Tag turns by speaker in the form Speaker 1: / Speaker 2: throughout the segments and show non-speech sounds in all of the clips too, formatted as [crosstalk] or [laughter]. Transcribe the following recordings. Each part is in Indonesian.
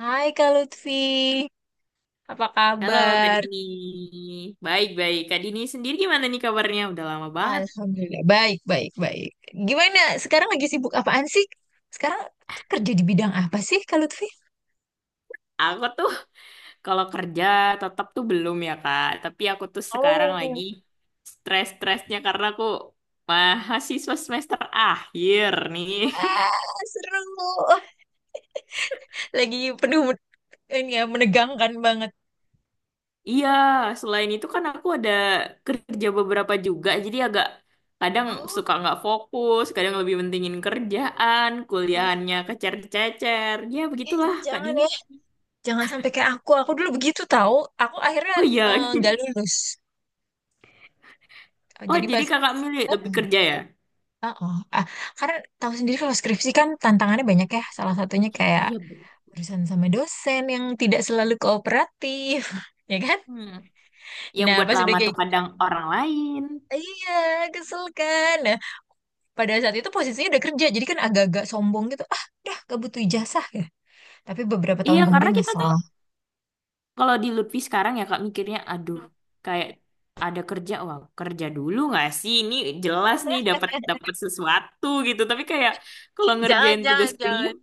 Speaker 1: Hai Kak Lutfi, apa
Speaker 2: Halo Kak
Speaker 1: kabar?
Speaker 2: Dini. Baik-baik. Kak Dini sendiri gimana nih kabarnya? Udah lama banget.
Speaker 1: Alhamdulillah, baik, baik, baik. Gimana? Sekarang lagi sibuk apaan sih? Sekarang tuh kerja di bidang apa sih, Kak Lutfi?
Speaker 2: Aku tuh [laughs] kalau kerja tetap tuh belum ya Kak. Tapi aku tuh sekarang
Speaker 1: Oh,
Speaker 2: lagi stres-stresnya karena aku mahasiswa semester akhir nih. [laughs]
Speaker 1: wah, seru. Oh, lagi penuh ini ya, menegangkan banget.
Speaker 2: Iya, selain itu kan aku ada kerja beberapa juga. Jadi agak kadang
Speaker 1: Oh,
Speaker 2: suka nggak fokus, kadang lebih pentingin kerjaan, kuliahannya kecer-cecer. Ya
Speaker 1: eh,
Speaker 2: begitulah Kak
Speaker 1: jangan
Speaker 2: Dini.
Speaker 1: ya, jangan sampai kayak aku. Aku dulu begitu tahu. Aku akhirnya
Speaker 2: Oh iya.
Speaker 1: nggak
Speaker 2: [laughs]
Speaker 1: lulus. Eh,
Speaker 2: Oh,
Speaker 1: jadi
Speaker 2: jadi
Speaker 1: pas
Speaker 2: kakak milih lebih kerja ya?
Speaker 1: heeh. Ah, karena tahu sendiri kalau skripsi kan tantangannya banyak ya. Salah satunya kayak
Speaker 2: Iya, Bu.
Speaker 1: urusan sama dosen yang tidak selalu kooperatif, [laughs] ya kan?
Speaker 2: Hmm. Yang
Speaker 1: Nah,
Speaker 2: buat
Speaker 1: pas udah
Speaker 2: lama tuh
Speaker 1: kayak
Speaker 2: kadang orang lain.
Speaker 1: iya, kesel kan. Nah, pada saat itu posisinya udah kerja, jadi kan agak-agak sombong gitu. Ah, dah, gak butuh ijazah, ya. Tapi beberapa tahun
Speaker 2: Iya, karena
Speaker 1: kemudian
Speaker 2: kita tuh
Speaker 1: nyesel.
Speaker 2: kalau di Lutfi sekarang ya kak mikirnya, aduh, kayak ada kerja, wah kerja dulu nggak sih? Ini jelas nih dapat dapat
Speaker 1: [laughs]
Speaker 2: sesuatu gitu. Tapi kayak kalau
Speaker 1: Jangan,
Speaker 2: ngerjain tugas
Speaker 1: jangan,
Speaker 2: kuliah,
Speaker 1: jangan.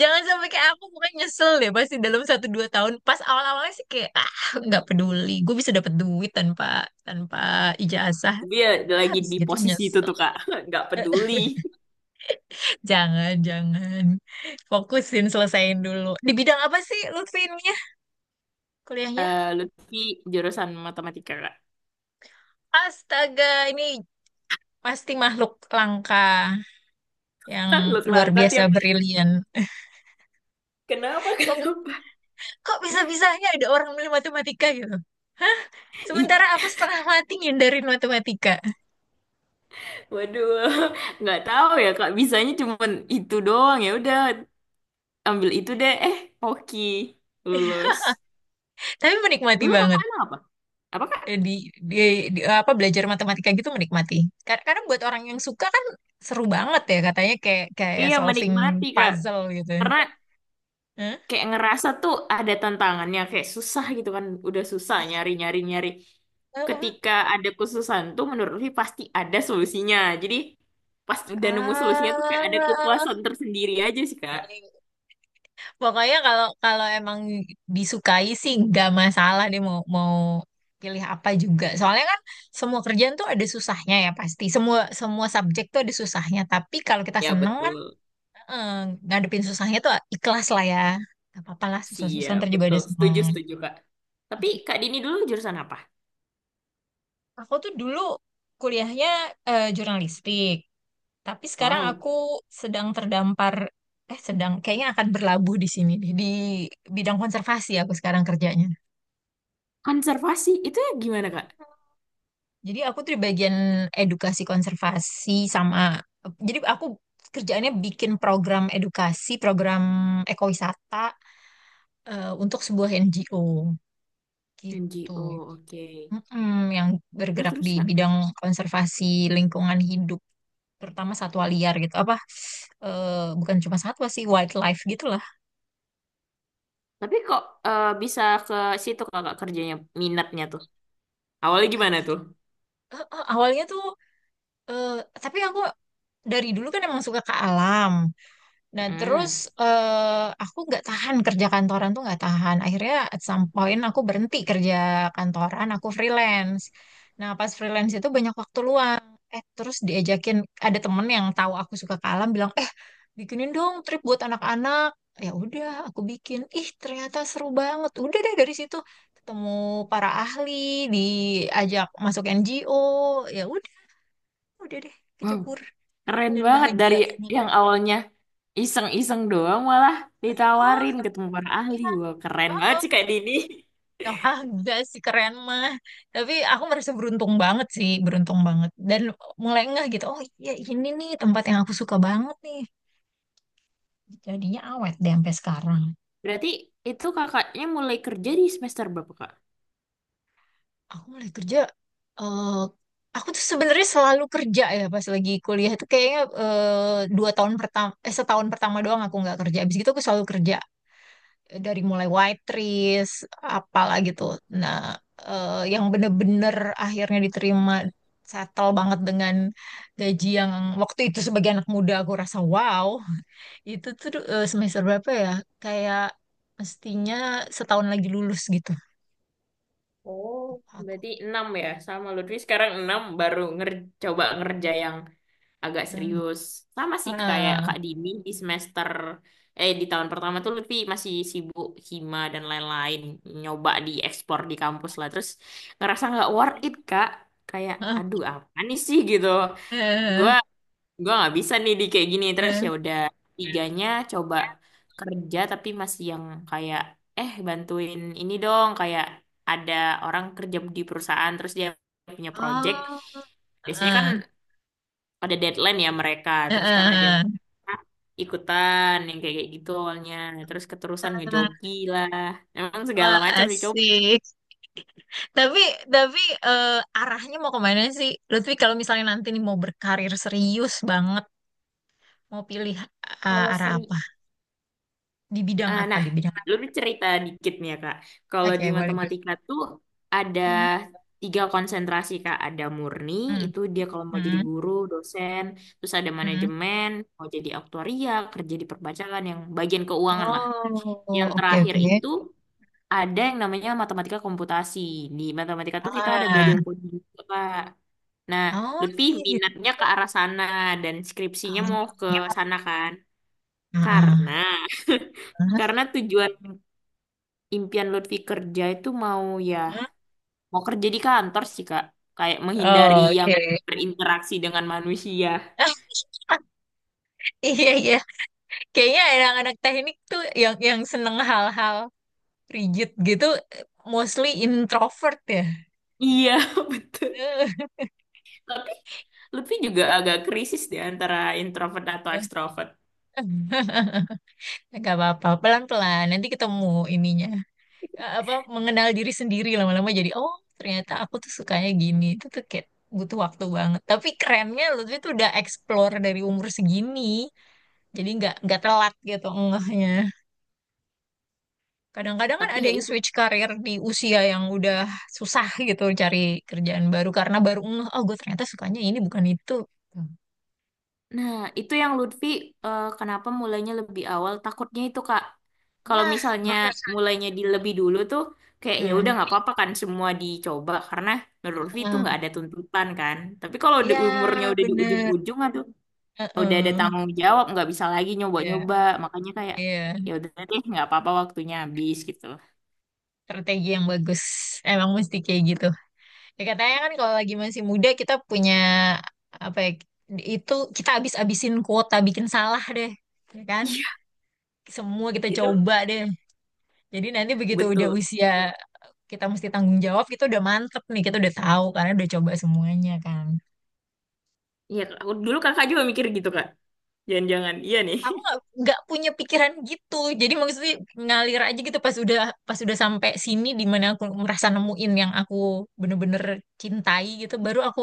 Speaker 1: Jangan sampai kayak aku, bukan nyesel deh pasti dalam satu dua tahun. Pas awal-awalnya sih kayak ah, nggak peduli. Gue bisa dapet duit tanpa tanpa ijazah.
Speaker 2: dia
Speaker 1: Ah,
Speaker 2: lagi
Speaker 1: habis
Speaker 2: di
Speaker 1: gitu
Speaker 2: posisi itu
Speaker 1: nyesel.
Speaker 2: tuh kak, [laughs] nggak peduli.
Speaker 1: Jangan, jangan. Fokusin, selesain dulu. Di bidang apa sih Lutfi ininya kuliahnya?
Speaker 2: Eh Lutfi jurusan matematika kak.
Speaker 1: Astaga, ini pasti makhluk langka yang
Speaker 2: [laughs] Langsung
Speaker 1: luar
Speaker 2: angkat
Speaker 1: biasa
Speaker 2: ya.
Speaker 1: brilian.
Speaker 2: Kenapa? [laughs]
Speaker 1: Kok,
Speaker 2: Kenapa?
Speaker 1: kok bisa-bisanya ada orang milih matematika gitu? Hah? Sementara aku setengah mati ngindarin matematika.
Speaker 2: Waduh, [laughs] nggak tahu ya Kak. Bisanya cuman itu doang ya. Udah ambil itu deh. Hoki
Speaker 1: [laughs]
Speaker 2: lulus.
Speaker 1: Tapi menikmati
Speaker 2: Dulu
Speaker 1: banget.
Speaker 2: Kakak anak apa? Apa Kak?
Speaker 1: Eh, di, di apa belajar matematika gitu menikmati. Karena buat orang yang suka kan seru banget ya katanya kayak kayak
Speaker 2: Iya,
Speaker 1: solving
Speaker 2: menikmati Kak.
Speaker 1: puzzle gitu.
Speaker 2: Karena
Speaker 1: Hah?
Speaker 2: kayak ngerasa tuh ada tantangannya, kayak susah gitu kan. Udah susah nyari-nyari-nyari.
Speaker 1: Iya, oh, oh.
Speaker 2: Ketika ada khususan tuh menurut Lutfi pasti ada solusinya. Jadi pas udah nemu solusinya tuh kayak ada
Speaker 1: Ah,
Speaker 2: kepuasan tersendiri aja sih Kak.
Speaker 1: pokoknya kalau kalau emang disukai sih nggak masalah deh mau mau pilih apa juga. Soalnya kan semua kerjaan tuh ada susahnya ya pasti. Semua semua subjek tuh ada susahnya. Tapi kalau kita
Speaker 2: Ya
Speaker 1: seneng kan
Speaker 2: betul.
Speaker 1: eh, ngadepin susahnya tuh ikhlas lah ya. Gak apa-apa lah susah-susah
Speaker 2: Siap,
Speaker 1: ntar juga ada
Speaker 2: betul. Setuju,
Speaker 1: seneng.
Speaker 2: setuju Kak. Tapi Kak Dini dulu jurusan apa?
Speaker 1: Aku tuh dulu kuliahnya jurnalistik. Tapi sekarang
Speaker 2: Wow.
Speaker 1: aku sedang terdampar, eh sedang kayaknya akan berlabuh di sini deh, di bidang konservasi aku sekarang kerjanya.
Speaker 2: Konservasi itu ya gimana Kak?
Speaker 1: Jadi aku tuh di bagian edukasi konservasi sama, jadi aku kerjaannya bikin program edukasi, program ekowisata untuk sebuah NGO gitu.
Speaker 2: NGO, oke.
Speaker 1: Mm-mm, yang
Speaker 2: Terus
Speaker 1: bergerak
Speaker 2: terus
Speaker 1: di
Speaker 2: Kak.
Speaker 1: bidang konservasi lingkungan hidup, terutama satwa liar gitu. Apa, eh, bukan cuma satwa sih, wildlife gitu
Speaker 2: Tapi kok bisa ke situ Kakak kerjanya minatnya tuh? Awalnya
Speaker 1: lah.
Speaker 2: gimana tuh?
Speaker 1: Awalnya tuh eh, tapi aku dari dulu kan emang suka ke alam. Nah terus
Speaker 2: Mm.
Speaker 1: aku nggak tahan kerja kantoran tuh nggak tahan. Akhirnya at some point aku berhenti kerja kantoran, aku freelance. Nah pas freelance itu banyak waktu luang. Eh terus diajakin ada temen yang tahu aku suka ke alam bilang eh bikinin dong trip buat anak-anak. Ya udah aku bikin. Ih ternyata seru banget. Udah deh dari situ ketemu para ahli, diajak masuk NGO, ya udah deh
Speaker 2: Wow,
Speaker 1: kecebur
Speaker 2: keren
Speaker 1: dan
Speaker 2: banget
Speaker 1: bahagia
Speaker 2: dari
Speaker 1: banget.
Speaker 2: yang awalnya iseng-iseng doang malah
Speaker 1: Oh,
Speaker 2: ditawarin ketemu para ahli.
Speaker 1: iya.
Speaker 2: Wah, keren
Speaker 1: Oh,
Speaker 2: banget sih Kak
Speaker 1: oh.
Speaker 2: Dini.
Speaker 1: Ah, enggak sih keren mah. Tapi aku merasa beruntung banget sih, beruntung banget. Dan mulai ngeh gitu, oh iya ini nih tempat yang aku suka banget nih. Jadinya awet deh sampai sekarang.
Speaker 2: Berarti itu kakaknya mulai kerja di semester berapa Kak?
Speaker 1: Aku mulai kerja, eh aku tuh sebenarnya selalu kerja ya pas lagi kuliah itu kayaknya eh, 2 tahun pertama, eh setahun pertama doang aku nggak kerja. Abis itu aku selalu kerja. Dari mulai white trees apalah gitu nah yang bener-bener akhirnya diterima settle banget dengan gaji yang waktu itu sebagai anak muda aku rasa wow itu tuh semester berapa ya kayak mestinya setahun lagi lulus gitu
Speaker 2: Oh,
Speaker 1: aku.
Speaker 2: berarti 6 ya, sama Lutfi sekarang 6 baru nger coba ngerja yang agak
Speaker 1: Hmm.
Speaker 2: serius. Sama sih kayak
Speaker 1: Ah.
Speaker 2: Kak Dini di semester di tahun pertama tuh Lutfi masih sibuk hima dan lain-lain nyoba diekspor di kampus lah. Terus ngerasa nggak worth it Kak. Kayak
Speaker 1: Ah.
Speaker 2: aduh apa nih sih gitu.
Speaker 1: Eh, eh,
Speaker 2: Gua gua nggak bisa nih di kayak gini. Terus
Speaker 1: eh.
Speaker 2: ya udah tiganya coba kerja tapi masih yang kayak bantuin ini dong kayak ada orang kerja di perusahaan terus dia punya project
Speaker 1: Oh,
Speaker 2: biasanya kan
Speaker 1: ah,
Speaker 2: ada deadline ya mereka
Speaker 1: ah,
Speaker 2: terus karena dia
Speaker 1: ah,
Speaker 2: merah, ikutan yang kayak kayak gitu awalnya terus keterusan
Speaker 1: ah.
Speaker 2: ngejoki lah emang segala
Speaker 1: Wah,
Speaker 2: macam dicoba
Speaker 1: asik. Tapi tapi eh, arahnya mau kemana sih? Lutfi kalau misalnya nanti nih mau berkarir serius banget, mau pilih
Speaker 2: kalau
Speaker 1: arah
Speaker 2: seri
Speaker 1: apa? Di bidang apa?
Speaker 2: nah
Speaker 1: Di bidang apa?
Speaker 2: lu cerita dikit nih ya kak kalau
Speaker 1: Oke,
Speaker 2: di
Speaker 1: boleh boleh.
Speaker 2: matematika tuh ada
Speaker 1: Mhm.
Speaker 2: tiga konsentrasi kak ada murni
Speaker 1: Mm,
Speaker 2: itu dia kalau mau jadi
Speaker 1: mm,
Speaker 2: guru dosen terus ada
Speaker 1: mm.
Speaker 2: manajemen mau jadi aktuaria kerja di perpajakan yang bagian keuangan lah
Speaker 1: Oh,
Speaker 2: yang
Speaker 1: oke
Speaker 2: terakhir
Speaker 1: oke.
Speaker 2: itu ada yang namanya matematika komputasi. Di matematika tuh kita ada
Speaker 1: Ah,
Speaker 2: belajar coding juga, Kak. Nah,
Speaker 1: oh
Speaker 2: Lutfi
Speaker 1: gitu.
Speaker 2: minatnya ke arah sana dan skripsinya mau ke sana kan?
Speaker 1: Ah,
Speaker 2: Karena
Speaker 1: ah,
Speaker 2: [laughs]
Speaker 1: ah.
Speaker 2: karena tujuan impian Lutfi kerja itu mau ya mau kerja di kantor sih, Kak. Kayak menghindari
Speaker 1: Oh,
Speaker 2: yang
Speaker 1: oke.
Speaker 2: berinteraksi dengan manusia.
Speaker 1: [laughs] Iya iya, kayaknya anak-anak teknik tuh yang seneng hal-hal rigid gitu, mostly introvert ya.
Speaker 2: Iya, [laughs] betul.
Speaker 1: [laughs]
Speaker 2: Tapi Lutfi juga agak krisis di antara introvert atau
Speaker 1: [laughs]
Speaker 2: extrovert.
Speaker 1: Gak apa-apa, pelan-pelan. Nanti ketemu ininya. Eh, apa, mengenal diri sendiri lama-lama jadi, oh ternyata aku tuh sukanya gini. Itu tuh kayak butuh waktu banget. Tapi kerennya Lutfi tuh udah explore dari umur segini. Jadi nggak telat gitu ngehnya. Kadang-kadang kan
Speaker 2: Tapi
Speaker 1: ada
Speaker 2: ya
Speaker 1: yang
Speaker 2: itu
Speaker 1: switch karir di usia yang udah susah gitu cari kerjaan baru karena baru ngeh, oh gue ternyata sukanya ini bukan itu.
Speaker 2: Nah, itu yang Lutfi kenapa mulainya lebih awal. Takutnya itu, Kak. Kalau
Speaker 1: Nah,
Speaker 2: misalnya
Speaker 1: bener.
Speaker 2: mulainya di lebih dulu tuh kayak ya
Speaker 1: Nah,
Speaker 2: udah nggak apa-apa kan semua dicoba karena menurut Lutfi itu
Speaker 1: ah,
Speaker 2: nggak ada tuntutan kan. Tapi kalau di
Speaker 1: iya
Speaker 2: umurnya udah di
Speaker 1: bener.
Speaker 2: ujung-ujung aduh udah ada
Speaker 1: Heeh.
Speaker 2: tanggung jawab nggak bisa lagi
Speaker 1: Ya.
Speaker 2: nyoba-nyoba. Makanya kayak
Speaker 1: Iya,
Speaker 2: ya udah deh nggak apa-apa waktunya habis gitu. [laughs]
Speaker 1: strategi yang bagus. Emang mesti kayak gitu. Ya katanya kan kalau lagi masih muda kita punya apa ya, itu kita habis-habisin kuota bikin salah deh. Ya kan?
Speaker 2: Iya,
Speaker 1: Semua kita
Speaker 2: itu
Speaker 1: coba deh. Jadi nanti begitu udah
Speaker 2: betul.
Speaker 1: usia kita mesti tanggung jawab, kita udah mantep nih, kita udah tahu karena udah coba semuanya kan.
Speaker 2: Iya, aku dulu Kakak juga mikir gitu, Kak. Jangan-jangan iya nih.
Speaker 1: Aku nggak punya pikiran gitu. Jadi maksudnya ngalir aja gitu pas udah sampai sini di mana aku merasa nemuin yang aku bener-bener cintai gitu, baru aku.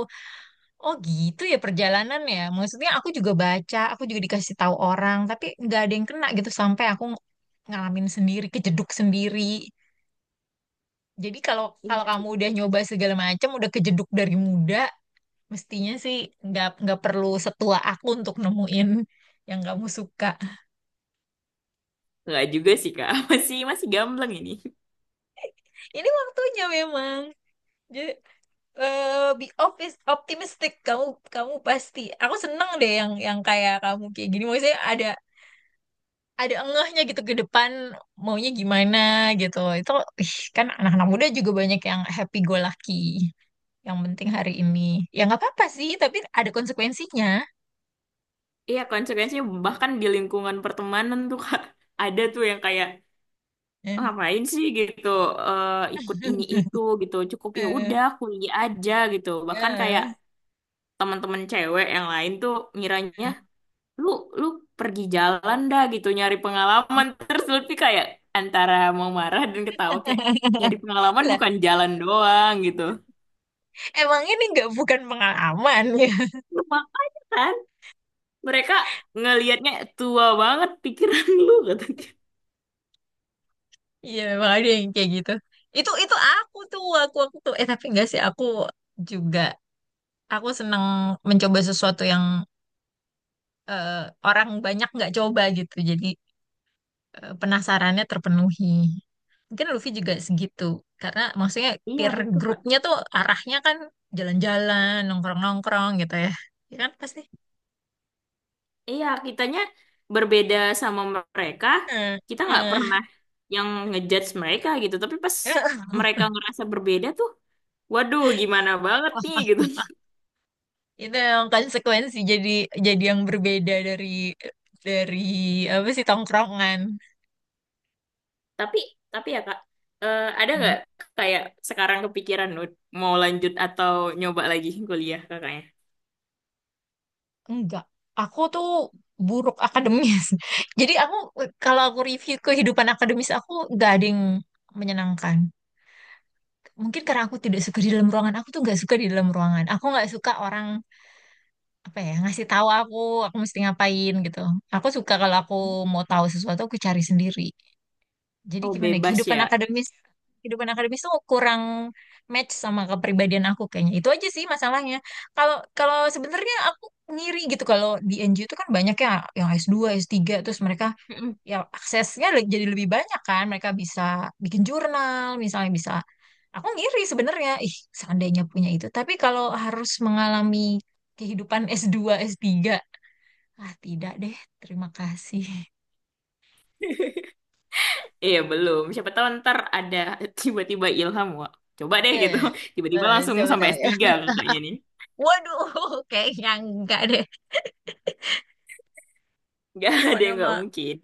Speaker 1: Oh gitu ya perjalanan ya. Maksudnya aku juga baca, aku juga dikasih tahu orang, tapi nggak ada yang kena gitu sampai aku ngalamin sendiri, kejeduk sendiri. Jadi kalau
Speaker 2: Iya
Speaker 1: kalau kamu
Speaker 2: sih.
Speaker 1: udah nyoba segala macam, udah kejeduk dari muda, mestinya sih nggak perlu setua aku untuk nemuin yang kamu suka.
Speaker 2: Nggak juga sih, Kak. [laughs] Masih masih gamblang ini.
Speaker 1: Ini waktunya memang. Jadi, optimistic kamu kamu pasti. Aku seneng deh yang kayak kamu kayak gini. Maksudnya ada engehnya gitu ke depan maunya gimana gitu. Itu ih, kan anak-anak muda juga banyak yang happy go lucky. Yang penting hari ini. Ya nggak apa-apa sih, tapi ada konsekuensinya.
Speaker 2: Iya, konsekuensinya bahkan di lingkungan pertemanan tuh Kak, ada tuh yang kayak "Ah, ngapain sih gitu eh, ikut ini itu
Speaker 1: [laughs]
Speaker 2: gitu cukup ya
Speaker 1: Eh,
Speaker 2: udah kuliah aja gitu bahkan
Speaker 1: eh,
Speaker 2: kayak teman-teman cewek yang lain tuh ngiranya
Speaker 1: eh.
Speaker 2: lu lu pergi jalan dah gitu nyari pengalaman [laughs] terus Lutfi kayak antara mau marah dan ketawa kayak
Speaker 1: [laughs]
Speaker 2: nyari pengalaman
Speaker 1: Lah,
Speaker 2: bukan jalan doang gitu
Speaker 1: emang ini nggak bukan pengalaman [laughs] ya.
Speaker 2: makanya kan mereka ngelihatnya tua banget pikiran lu kata dia.
Speaker 1: Iya, emang ada yang kayak gitu. Itu aku tuh, aku tuh eh tapi enggak sih, aku juga aku seneng mencoba sesuatu yang eh, orang banyak nggak coba gitu. Jadi penasarannya terpenuhi. Mungkin Luffy juga segitu. Karena maksudnya
Speaker 2: Iya
Speaker 1: peer
Speaker 2: betul, Kak.
Speaker 1: grupnya tuh arahnya kan jalan-jalan, nongkrong-nongkrong gitu ya. Ya kan pasti.
Speaker 2: Iya, kitanya berbeda sama mereka.
Speaker 1: Eh,
Speaker 2: Kita nggak
Speaker 1: eh,
Speaker 2: pernah yang ngejudge mereka gitu. Tapi pas mereka
Speaker 1: [laughs]
Speaker 2: ngerasa berbeda tuh, waduh, gimana banget nih gitu. [laughs]
Speaker 1: itu yang konsekuensi jadi yang berbeda dari apa sih tongkrongan.
Speaker 2: Tapi, tapi ya Kak, ada
Speaker 1: Hmm.
Speaker 2: nggak kayak sekarang kepikiran Nut, mau lanjut atau nyoba lagi kuliah kakaknya?
Speaker 1: Enggak. Aku tuh buruk akademis. [laughs] Jadi aku kalau aku review kehidupan akademis aku nggak ada yang menyenangkan. Mungkin karena aku tidak suka di dalam ruangan aku tuh nggak suka di dalam ruangan aku nggak suka orang apa ya ngasih tahu aku mesti ngapain gitu aku suka kalau aku mau tahu sesuatu aku cari sendiri jadi
Speaker 2: Oh,
Speaker 1: gimana ya,
Speaker 2: bebas ya.
Speaker 1: kehidupan akademis tuh kurang match sama kepribadian aku kayaknya itu aja sih masalahnya kalau kalau sebenarnya aku ngiri gitu kalau di NGO itu kan banyak ya yang S2 S3 terus mereka
Speaker 2: Mm-mm.
Speaker 1: ya aksesnya jadi lebih banyak kan mereka bisa bikin jurnal misalnya bisa aku ngiri sebenarnya ih seandainya punya itu tapi kalau harus mengalami kehidupan S2 S3 ah tidak deh terima kasih.
Speaker 2: [laughs] Iya, belum. Siapa tahu ntar ada [laughs] tiba-tiba ilham, wah. Coba deh gitu.
Speaker 1: Eh,
Speaker 2: [laughs] Tiba-tiba langsung
Speaker 1: Siapa
Speaker 2: sampai
Speaker 1: tahu ya.
Speaker 2: S3 kakaknya nih.
Speaker 1: Waduh, [laughs] kayaknya enggak deh.
Speaker 2: Nggak [laughs] ada
Speaker 1: Mana
Speaker 2: yang nggak
Speaker 1: mah,
Speaker 2: mungkin.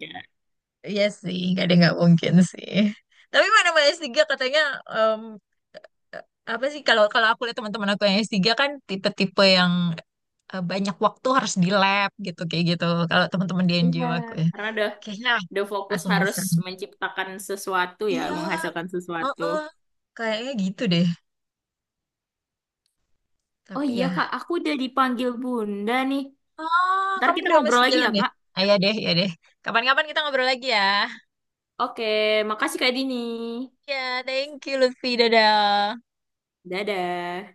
Speaker 1: iya sih, enggak deh, enggak mungkin sih. Tapi mana mah S3 katanya, em, apa sih, kalau kalau aku lihat teman-teman aku yang S3 kan tipe-tipe yang banyak waktu harus di lab gitu kayak gitu kalau teman-teman di
Speaker 2: Iya,
Speaker 1: NGO aku ya
Speaker 2: karena udah
Speaker 1: kayaknya
Speaker 2: udah fokus
Speaker 1: aku
Speaker 2: harus
Speaker 1: bisa
Speaker 2: menciptakan sesuatu ya,
Speaker 1: iya
Speaker 2: menghasilkan sesuatu.
Speaker 1: heeh. Kayaknya gitu deh
Speaker 2: Oh
Speaker 1: tapi
Speaker 2: iya Kak,
Speaker 1: ya
Speaker 2: aku udah dipanggil Bunda nih.
Speaker 1: oh
Speaker 2: Ntar
Speaker 1: kamu
Speaker 2: kita
Speaker 1: udah
Speaker 2: ngobrol
Speaker 1: masuk
Speaker 2: lagi
Speaker 1: jalan
Speaker 2: ya
Speaker 1: ya
Speaker 2: Kak.
Speaker 1: ayo deh ya deh kapan-kapan kita ngobrol lagi ya
Speaker 2: Oke, makasih Kak Dini.
Speaker 1: ya thank you Lutfi dadah
Speaker 2: Dadah.